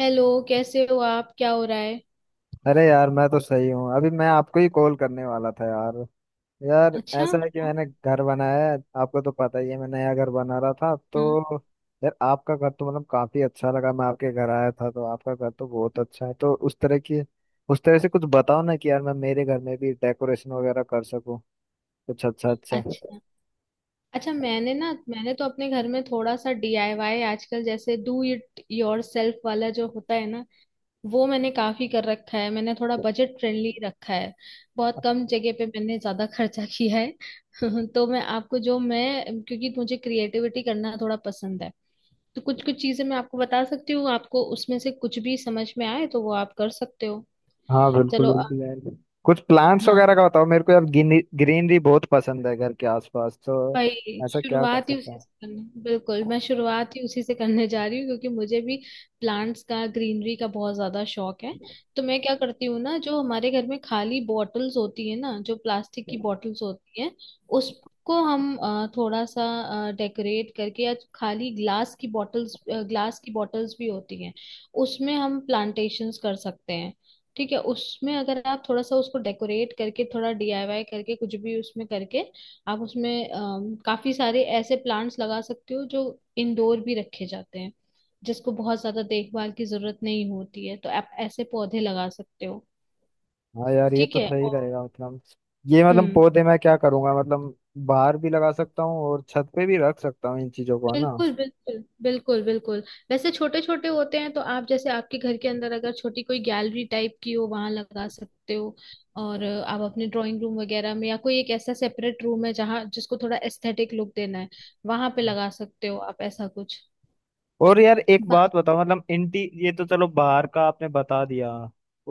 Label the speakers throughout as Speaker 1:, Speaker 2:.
Speaker 1: Hello. कैसे हो आप? क्या हो रहा है?
Speaker 2: अरे यार मैं तो सही हूँ। अभी मैं आपको ही कॉल करने वाला था यार। यार
Speaker 1: अच्छा।
Speaker 2: ऐसा है कि
Speaker 1: हाँ।
Speaker 2: मैंने घर बनाया है। आपको तो पता ही है मैं नया घर बना रहा था
Speaker 1: हाँ,
Speaker 2: तो यार आपका घर तो मतलब काफी अच्छा लगा। मैं आपके घर आया था तो आपका घर तो बहुत अच्छा है। तो उस तरह की उस तरह से कुछ बताओ ना कि यार मैं मेरे घर में भी डेकोरेशन वगैरह कर सकूँ। कुछ अच्छा अच्छा।
Speaker 1: अच्छा। अच्छा, मैंने तो अपने घर में थोड़ा सा DIY, आजकल जैसे डू इट योर सेल्फ वाला जो होता है ना, वो मैंने काफी कर रखा है। मैंने थोड़ा बजट फ्रेंडली रखा है। बहुत कम जगह पे मैंने ज्यादा खर्चा किया है। तो मैं आपको जो मैं क्योंकि मुझे क्रिएटिविटी करना थोड़ा पसंद है, तो कुछ कुछ चीजें मैं आपको बता सकती हूँ। आपको उसमें से कुछ भी समझ में आए तो वो आप कर सकते हो।
Speaker 2: हाँ बिल्कुल
Speaker 1: चलो।
Speaker 2: बिल्कुल यार। कुछ प्लांट्स
Speaker 1: हाँ।
Speaker 2: वगैरह का बताओ मेरे को यार। ग्रीनरी बहुत पसंद है घर के आसपास तो।
Speaker 1: भाई,
Speaker 2: ऐसा क्या कर
Speaker 1: शुरुआत ही
Speaker 2: सकते
Speaker 1: उसी
Speaker 2: हैं?
Speaker 1: से करने बिल्कुल, मैं शुरुआत ही उसी से करने जा रही हूँ, क्योंकि मुझे भी प्लांट्स का, ग्रीनरी का बहुत ज्यादा शौक है। तो मैं क्या करती हूँ ना, जो हमारे घर में खाली बॉटल्स होती है ना, जो प्लास्टिक की बॉटल्स होती है, उसको हम थोड़ा सा डेकोरेट करके, या खाली ग्लास की बॉटल्स, ग्लास की बॉटल्स भी होती हैं, उसमें हम प्लांटेशंस कर सकते हैं। ठीक है। उसमें अगर आप थोड़ा सा उसको डेकोरेट करके, थोड़ा DIY करके, कुछ भी उसमें करके, आप उसमें काफी सारे ऐसे प्लांट्स लगा सकते हो जो इंडोर भी रखे जाते हैं, जिसको बहुत ज्यादा देखभाल की जरूरत नहीं होती है, तो आप ऐसे पौधे लगा सकते हो।
Speaker 2: हाँ यार ये
Speaker 1: ठीक
Speaker 2: तो
Speaker 1: है।
Speaker 2: सही
Speaker 1: और।
Speaker 2: रहेगा मतलब। ये मतलब
Speaker 1: हम्म।
Speaker 2: पौधे मैं क्या करूंगा मतलब बाहर भी लगा सकता हूँ और छत पे भी रख सकता हूँ इन चीजों को, है ना?
Speaker 1: बिल्कुल, बिल्कुल, बिल्कुल, बिल्कुल। वैसे छोटे छोटे होते हैं, तो आप जैसे आपके घर के अंदर अगर छोटी कोई गैलरी टाइप की हो, वहां लगा सकते हो। और आप अपने ड्राइंग रूम वगैरह में, या कोई एक ऐसा सेपरेट रूम है जहाँ, जिसको थोड़ा एस्थेटिक लुक देना है, वहां पे लगा सकते हो आप ऐसा कुछ।
Speaker 2: और यार एक
Speaker 1: बा-
Speaker 2: बात बताओ मतलब इंटी, ये तो चलो बाहर का आपने बता दिया।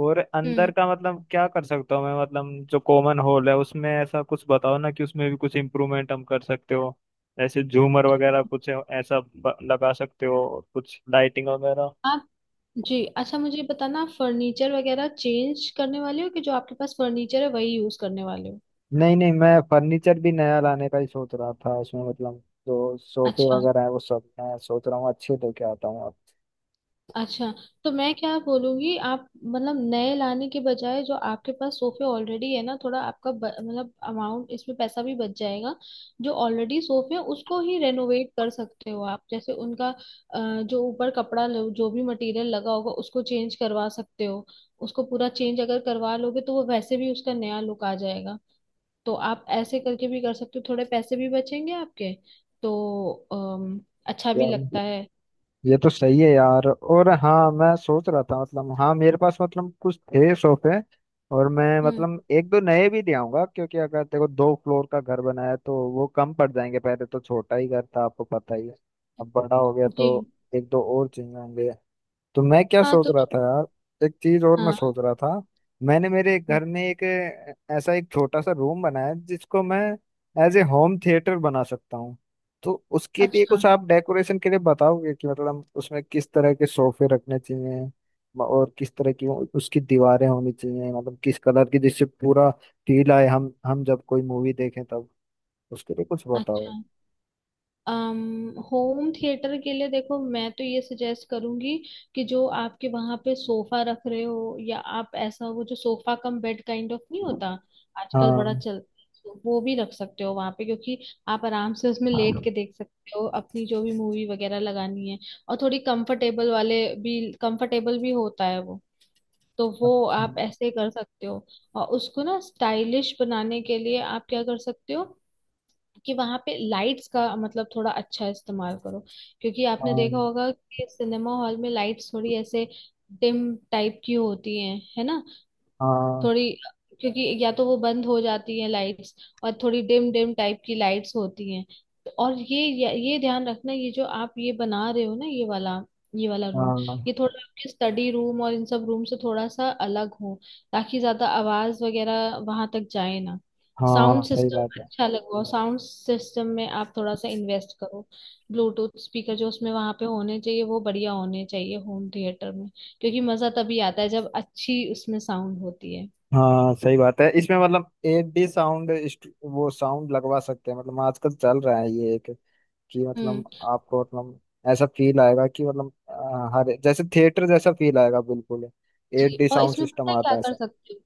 Speaker 2: और अंदर
Speaker 1: हम्म।
Speaker 2: का मतलब क्या कर सकता हूँ मैं, मतलब जो कॉमन हॉल है उसमें ऐसा कुछ बताओ ना कि उसमें भी कुछ इम्प्रूवमेंट हम कर सकते हो। ऐसे झूमर वगैरह कुछ ऐसा ब- लगा सकते हो और कुछ लाइटिंग वगैरह।
Speaker 1: आप। जी, अच्छा, मुझे बताना, आप फर्नीचर वगैरह चेंज करने वाले हो, कि जो आपके पास फर्नीचर है वही यूज करने वाले हो?
Speaker 2: नहीं नहीं, मैं फर्नीचर भी नया लाने का ही सोच रहा था उसमें मतलब। जो सोफे
Speaker 1: अच्छा।
Speaker 2: वगैरह है वो सब मैं सोच रहा हूँ अच्छे लेके आता हूँ अब।
Speaker 1: अच्छा। तो मैं क्या बोलूंगी, आप मतलब नए लाने के बजाय जो आपके पास सोफे ऑलरेडी है ना, थोड़ा आपका मतलब अमाउंट, इसमें पैसा भी बच जाएगा। जो ऑलरेडी सोफे हैं उसको ही रेनोवेट कर सकते हो आप, जैसे उनका जो ऊपर कपड़ा जो भी मटेरियल लगा होगा, उसको चेंज करवा सकते हो। उसको पूरा चेंज अगर करवा लोगे तो वो वैसे भी उसका नया लुक आ जाएगा। तो आप ऐसे करके भी कर सकते हो, थोड़े पैसे भी बचेंगे आपके। तो अच्छा भी
Speaker 2: यार
Speaker 1: लगता है।
Speaker 2: ये तो सही है यार। और हाँ मैं सोच रहा था मतलब, हाँ मेरे पास मतलब कुछ थे सोफे। और मैं
Speaker 1: हम्म।
Speaker 2: मतलब एक दो नए भी ले आऊंगा क्योंकि अगर देखो दो फ्लोर का घर बनाया है, तो वो कम पड़ जाएंगे। पहले तो छोटा ही घर था आपको पता ही है, अब बड़ा हो गया
Speaker 1: जी।
Speaker 2: तो एक दो और चाहिए होंगे। तो मैं क्या
Speaker 1: हाँ।
Speaker 2: सोच
Speaker 1: तो
Speaker 2: रहा था यार, एक चीज और मैं
Speaker 1: हाँ।
Speaker 2: सोच रहा था, मैंने मेरे
Speaker 1: हम्म।
Speaker 2: घर में एक ऐसा एक छोटा सा रूम बनाया है, जिसको मैं एज ए होम थिएटर बना सकता हूँ। तो उसके लिए
Speaker 1: अच्छा।
Speaker 2: कुछ आप डेकोरेशन के लिए बताओगे कि मतलब उसमें किस तरह के सोफे रखने चाहिए, म- और किस तरह की वो- उसकी दीवारें होनी चाहिए, मतलब किस कलर की जिससे पूरा फील आए हम जब कोई मूवी देखें तब। उसके लिए कुछ
Speaker 1: अच्छा।
Speaker 2: बताओ।
Speaker 1: होम थिएटर के लिए देखो, मैं तो ये सजेस्ट करूंगी कि जो आपके वहां पे सोफा रख रहे हो, या आप ऐसा वो जो sofa cum bed kind of नहीं होता आजकल बड़ा
Speaker 2: हाँ।
Speaker 1: चलता है, तो वो भी रख सकते हो वहां पे, क्योंकि आप आराम से उसमें लेट के देख सकते हो अपनी जो भी मूवी वगैरह लगानी है। और थोड़ी कंफर्टेबल वाले भी, कंफर्टेबल भी होता है वो, तो वो
Speaker 2: अच्छा।
Speaker 1: आप ऐसे कर सकते हो। और उसको ना स्टाइलिश बनाने के लिए आप क्या कर सकते हो, कि वहां पे लाइट्स का मतलब थोड़ा अच्छा इस्तेमाल करो, क्योंकि आपने
Speaker 2: हाँ।
Speaker 1: देखा होगा कि सिनेमा हॉल में लाइट्स थोड़ी ऐसे डिम टाइप की होती हैं, है ना।
Speaker 2: हाँ।
Speaker 1: थोड़ी, क्योंकि या तो वो बंद हो जाती है लाइट्स, और थोड़ी डिम डिम टाइप की लाइट्स होती हैं। और ये ध्यान रखना, ये जो आप ये बना रहे हो ना, ये वाला रूम,
Speaker 2: हाँ।
Speaker 1: ये थोड़ा आपके स्टडी रूम और इन सब रूम से थोड़ा सा अलग हो, ताकि ज्यादा आवाज वगैरह वहां तक जाए ना। साउंड
Speaker 2: हाँ सही
Speaker 1: सिस्टम
Speaker 2: बात है।
Speaker 1: अच्छा लगवाओ। साउंड सिस्टम में आप थोड़ा सा इन्वेस्ट करो। ब्लूटूथ स्पीकर जो उसमें वहां पे होने चाहिए वो बढ़िया होने चाहिए होम थिएटर में, क्योंकि मजा तभी आता है जब अच्छी उसमें साउंड होती है।
Speaker 2: हाँ सही बात है, इसमें मतलब एक भी साउंड, वो साउंड लगवा सकते हैं मतलब आजकल चल रहा है ये एक, कि मतलब
Speaker 1: हम्म।
Speaker 2: आपको मतलब ऐसा फील आएगा कि मतलब हर जैसे थिएटर जैसा फील आएगा बिल्कुल। Eight
Speaker 1: G.
Speaker 2: डी
Speaker 1: और
Speaker 2: साउंड
Speaker 1: इसमें
Speaker 2: सिस्टम
Speaker 1: पता है क्या
Speaker 2: आता है
Speaker 1: कर
Speaker 2: ऐसा।
Speaker 1: सकते हो?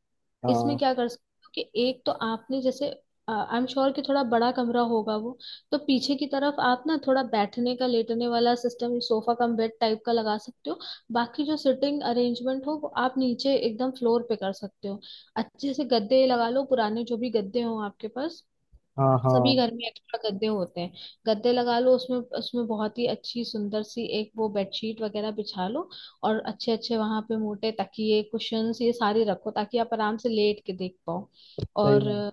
Speaker 1: इसमें
Speaker 2: हाँ।
Speaker 1: क्या कर सकते हो, कि एक तो आपने जैसे, आई एम श्योर कि थोड़ा बड़ा कमरा होगा वो, तो पीछे की तरफ आप ना थोड़ा बैठने का, लेटने वाला system, sofa cum bed type का लगा सकते हो। बाकी जो सिटिंग अरेंजमेंट हो, वो आप नीचे एकदम फ्लोर पे कर सकते हो। अच्छे से गद्दे लगा लो, पुराने जो भी गद्दे हो आपके पास।
Speaker 2: हाँ।
Speaker 1: सभी
Speaker 2: हाँ
Speaker 1: घर में एक्स्ट्रा गद्दे होते हैं। गद्दे लगा लो, उसमें उसमें बहुत ही अच्छी सुंदर सी एक वो बेडशीट वगैरह बिछा लो। और अच्छे अच्छे वहां पे मोटे तकिए, कुशन्स, ये सारे रखो, ताकि आप आराम से लेट के देख पाओ।
Speaker 2: सही
Speaker 1: और
Speaker 2: बात।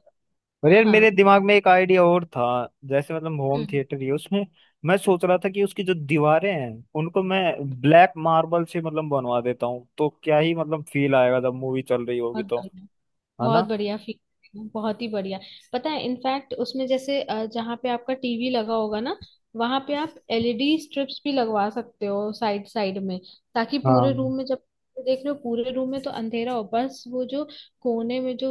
Speaker 2: और यार मेरे
Speaker 1: हाँ।
Speaker 2: दिमाग में एक आइडिया और था, जैसे मतलब होम
Speaker 1: हम्म।
Speaker 2: थिएटर ही है, उसमें मैं सोच रहा था कि उसकी जो दीवारें हैं उनको मैं ब्लैक मार्बल से मतलब बनवा देता हूँ तो क्या ही मतलब फील आएगा जब मूवी चल रही होगी
Speaker 1: बहुत
Speaker 2: तो।
Speaker 1: बढ़िया।
Speaker 2: है
Speaker 1: बहुत
Speaker 2: ना?
Speaker 1: बढ़िया फीचर, बहुत ही बढ़िया। पता है, इनफैक्ट उसमें जैसे जहाँ पे आपका TV लगा होगा ना, वहां पे आप LED स्ट्रिप्स भी लगवा सकते हो साइड साइड में, ताकि पूरे
Speaker 2: हाँ।
Speaker 1: रूम में जब देख रहे हो पूरे रूम में तो अंधेरा हो, बस वो जो कोने में जो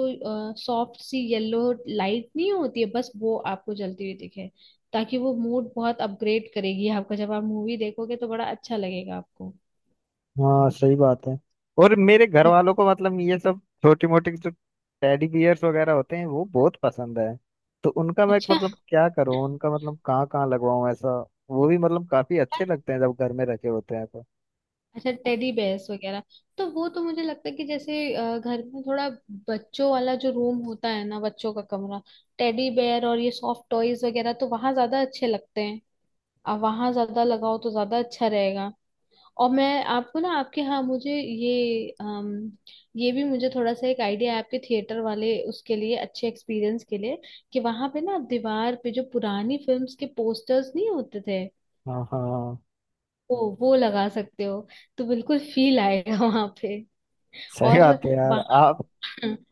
Speaker 1: सॉफ्ट सी येलो लाइट नहीं होती है, बस वो आपको जलती हुई दिखे, ताकि वो मूड बहुत अपग्रेड करेगी आपका, जब आप मूवी देखोगे तो बड़ा अच्छा लगेगा आपको।
Speaker 2: हाँ सही बात है। और मेरे घर
Speaker 1: हम्म।
Speaker 2: वालों को मतलब ये सब छोटी मोटी जो टेडी बियर्स वगैरह होते हैं वो बहुत पसंद है। तो उनका मैं
Speaker 1: अच्छा।
Speaker 2: मतलब क्या करूँ, उनका मतलब कहाँ कहाँ लगवाऊँ ऐसा। वो भी मतलब काफी अच्छे लगते हैं जब घर में रखे होते हैं तो।
Speaker 1: अच्छा, टेडी बेयर्स वगैरह, तो वो तो मुझे लगता है कि जैसे घर में थोड़ा बच्चों वाला जो रूम होता है ना, बच्चों का कमरा, टेडी बेयर और ये सॉफ्ट टॉयज वगैरह तो वहां ज्यादा अच्छे लगते हैं। अब वहां ज्यादा लगाओ तो ज्यादा अच्छा रहेगा। और मैं आपको ना आपके, हाँ, मुझे ये, ये भी मुझे थोड़ा सा एक आइडिया है आपके थिएटर वाले उसके लिए, अच्छे एक्सपीरियंस के लिए, कि वहां पे ना आप दीवार पे जो पुरानी फिल्म्स के पोस्टर्स नहीं होते थे,
Speaker 2: हाँ। हाँ
Speaker 1: वो लगा सकते हो, तो बिल्कुल फील आएगा वहां पे।
Speaker 2: सही
Speaker 1: और
Speaker 2: बात है यार।
Speaker 1: वहाँ।
Speaker 2: आप,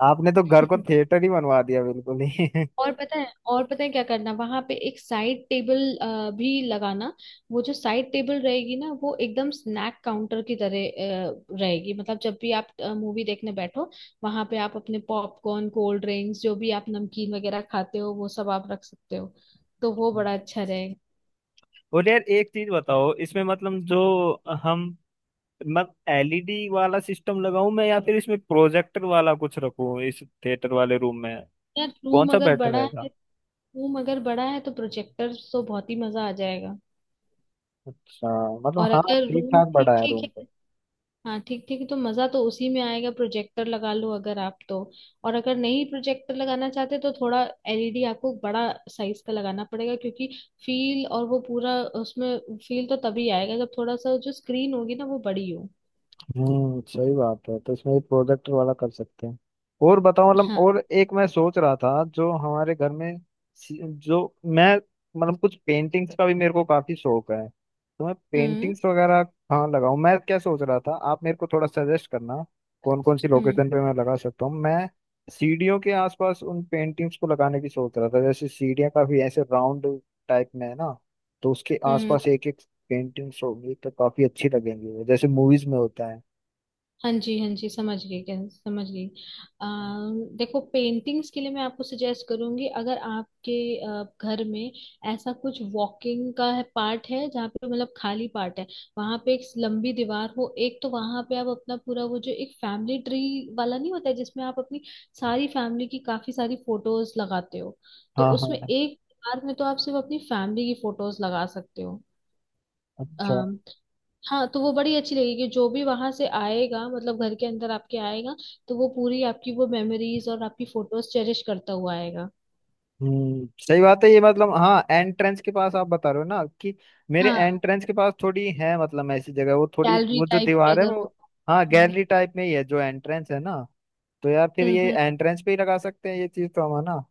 Speaker 2: आपने तो घर को थिएटर ही बनवा दिया बिल्कुल ही।
Speaker 1: और पता है क्या करना, वहां पे एक साइड टेबल भी लगाना। वो जो साइड टेबल रहेगी ना, वो एकदम स्नैक काउंटर की तरह रहेगी, मतलब जब भी आप मूवी देखने बैठो, वहां पे आप अपने पॉपकॉर्न, कोल्ड ड्रिंक्स, जो भी आप नमकीन वगैरह खाते हो, वो सब आप रख सकते हो। तो वो बड़ा अच्छा रहेगा।
Speaker 2: और यार एक चीज बताओ इसमें मतलब जो, हम, मैं एलईडी वाला सिस्टम लगाऊं मैं या फिर इसमें प्रोजेक्टर वाला कुछ रखूं इस थिएटर वाले रूम में?
Speaker 1: यार
Speaker 2: कौन
Speaker 1: रूम
Speaker 2: सा
Speaker 1: अगर
Speaker 2: बेटर
Speaker 1: बड़ा है
Speaker 2: रहेगा?
Speaker 1: रूम अगर बड़ा है तो प्रोजेक्टर तो बहुत ही मजा आ जाएगा।
Speaker 2: अच्छा मतलब
Speaker 1: और
Speaker 2: हाँ
Speaker 1: अगर
Speaker 2: ठीक
Speaker 1: रूम
Speaker 2: ठाक
Speaker 1: ठीक
Speaker 2: बड़ा है
Speaker 1: ठीक
Speaker 2: रूम तो।
Speaker 1: है। हाँ, ठीक ठीक तो मजा तो उसी में आएगा, प्रोजेक्टर लगा लो अगर आप तो। और अगर नहीं प्रोजेक्टर लगाना चाहते, तो थोड़ा LED आपको बड़ा साइज का लगाना पड़ेगा, क्योंकि फील, और वो पूरा उसमें फील तो तभी आएगा जब थोड़ा सा जो स्क्रीन होगी ना वो बड़ी हो।
Speaker 2: सही बात है तो इसमें प्रोजेक्ट वाला कर सकते हैं। और बताओ मतलब,
Speaker 1: हाँ।
Speaker 2: और एक मैं सोच रहा था जो हमारे घर में, सी- जो, मैं मतलब कुछ पेंटिंग्स का भी मेरे को काफी शौक है। तो मैं
Speaker 1: हम्म।
Speaker 2: पेंटिंग्स वगैरह कहाँ लगाऊं, मैं क्या सोच रहा था आप मेरे को थोड़ा सजेस्ट करना कौन कौन सी लोकेशन पे मैं लगा सकता हूँ। मैं सीढ़ियों के आसपास उन पेंटिंग्स को लगाने की सोच रहा था, जैसे सीढ़ियाँ काफी ऐसे राउंड टाइप में है ना, तो उसके
Speaker 1: हम्म।
Speaker 2: आसपास एक एक पेंटिंग्स होगी तो काफी अच्छी लगेंगी वो, जैसे मूवीज में होता है।
Speaker 1: हाँ जी। हाँ जी, समझ गई। क्या समझ गई? देखो, पेंटिंग्स के लिए मैं आपको सजेस्ट करूंगी, अगर आपके घर में ऐसा कुछ वॉकिंग का है, पार्ट है जहाँ पे मतलब खाली पार्ट है, वहां पे एक लंबी दीवार हो एक, तो वहां पे आप अपना पूरा वो जो एक फैमिली ट्री वाला नहीं होता है, जिसमें आप अपनी सारी फैमिली की काफी सारी फोटोज लगाते हो, तो
Speaker 2: हाँ।
Speaker 1: उसमें
Speaker 2: हाँ।
Speaker 1: एक दीवार में तो आप सिर्फ अपनी फैमिली की फोटोज लगा सकते
Speaker 2: अच्छा।
Speaker 1: हो। हाँ, तो वो बड़ी अच्छी लगेगी, जो भी वहां से आएगा मतलब घर के अंदर आपके आएगा, तो वो पूरी आपकी वो मेमोरीज और आपकी फोटोज चेरिश करता हुआ आएगा।
Speaker 2: सही बात है ये मतलब, हाँ एंट्रेंस के पास आप बता रहे हो ना कि, मेरे
Speaker 1: हाँ,
Speaker 2: एंट्रेंस के पास थोड़ी है मतलब ऐसी जगह, वो थोड़ी
Speaker 1: गैलरी
Speaker 2: वो जो
Speaker 1: टाइप की
Speaker 2: दीवार है
Speaker 1: अगर
Speaker 2: वो,
Speaker 1: वो।
Speaker 2: हाँ
Speaker 1: हम्म।
Speaker 2: गैलरी टाइप में ही है जो एंट्रेंस है ना। तो यार फिर ये
Speaker 1: हम्म।
Speaker 2: एंट्रेंस पे ही लगा सकते हैं ये चीज तो हम, है ना?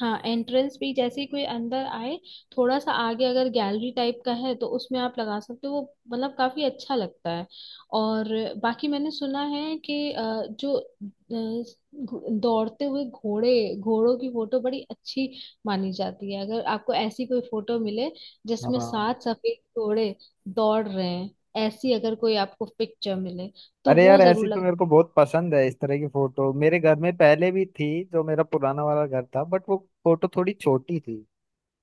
Speaker 1: हाँ, एंट्रेंस पे ही जैसे ही कोई अंदर आए, थोड़ा सा आगे अगर गैलरी टाइप का है, तो उसमें आप लगा सकते हो वो, मतलब काफी अच्छा लगता है। और बाकी मैंने सुना है कि जो दौड़ते हुए घोड़े, घोड़ों की फोटो बड़ी अच्छी मानी जाती है। अगर आपको ऐसी कोई फोटो मिले जिसमें
Speaker 2: हाँ।
Speaker 1: सात सफेद घोड़े दौड़ रहे हैं, ऐसी अगर कोई आपको पिक्चर मिले तो
Speaker 2: अरे
Speaker 1: वो
Speaker 2: यार ऐसी
Speaker 1: जरूर
Speaker 2: तो
Speaker 1: लग।
Speaker 2: मेरे को बहुत पसंद है, इस तरह की फोटो मेरे घर में पहले भी थी जो मेरा पुराना वाला घर था, बट वो फोटो थोड़ी छोटी थी।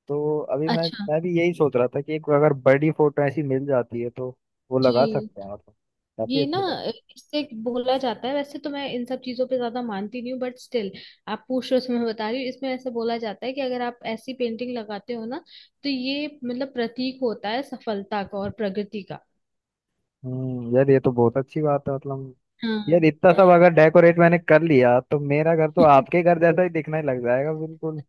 Speaker 2: तो अभी मैं
Speaker 1: अच्छा।
Speaker 2: मैं भी यही सोच रहा था कि एक अगर बड़ी फोटो ऐसी मिल जाती है तो वो लगा
Speaker 1: जी।
Speaker 2: सकते हैं मतलब, काफी
Speaker 1: ये ना,
Speaker 2: अच्छी बात
Speaker 1: इससे बोला जाता है, वैसे तो मैं इन सब चीजों पे ज्यादा मानती नहीं हूँ, बट स्टिल आप पूछ रहे हो तो मैं बता रही हूँ, इसमें ऐसा बोला जाता है कि अगर आप ऐसी पेंटिंग लगाते हो ना, तो ये मतलब प्रतीक होता है सफलता का और प्रगति का।
Speaker 2: है। यार ये तो बहुत अच्छी बात है मतलब। यार
Speaker 1: हाँ।
Speaker 2: इतना सब अगर डेकोरेट मैंने कर लिया तो मेरा घर तो आपके घर जैसा ही दिखने लग जाएगा बिल्कुल।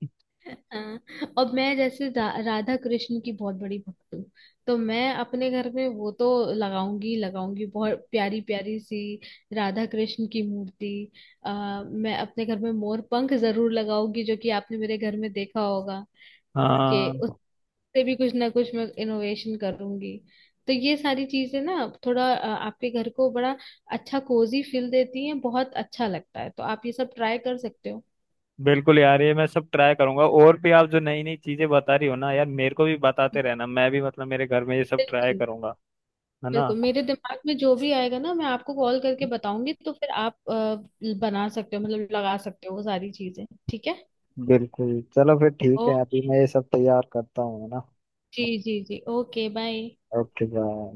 Speaker 1: हाँ, और मैं जैसे राधा कृष्ण की बहुत बड़ी भक्त हूँ, तो मैं अपने घर में वो तो लगाऊंगी, लगाऊंगी बहुत प्यारी प्यारी सी राधा कृष्ण की मूर्ति। मैं अपने घर में मोर पंख जरूर लगाऊंगी, जो कि आपने मेरे घर में देखा होगा, कि
Speaker 2: हाँ
Speaker 1: उससे भी कुछ ना कुछ मैं इनोवेशन करूंगी। तो ये सारी चीजें ना थोड़ा आपके घर को बड़ा अच्छा कोजी फील देती हैं, बहुत अच्छा लगता है, तो आप ये सब ट्राई कर सकते हो।
Speaker 2: बिल्कुल यार, ये मैं सब ट्राई करूंगा। और भी आप जो नई नई चीजें बता रही हो ना यार मेरे को भी बताते रहना, मैं भी मतलब मेरे घर में ये सब ट्राई
Speaker 1: बिल्कुल।
Speaker 2: करूंगा, है ना?
Speaker 1: बिल्कुल, मेरे दिमाग में जो भी आएगा ना, मैं आपको कॉल करके बताऊंगी, तो फिर आप बना सकते हो, मतलब लगा सकते हो वो सारी चीजें, ठीक है।
Speaker 2: बिल्कुल चलो फिर
Speaker 1: ओ।
Speaker 2: ठीक है, अभी मैं ये सब तैयार करता हूँ है ना।
Speaker 1: जी जी जी, ओके बाय।
Speaker 2: Okay bye.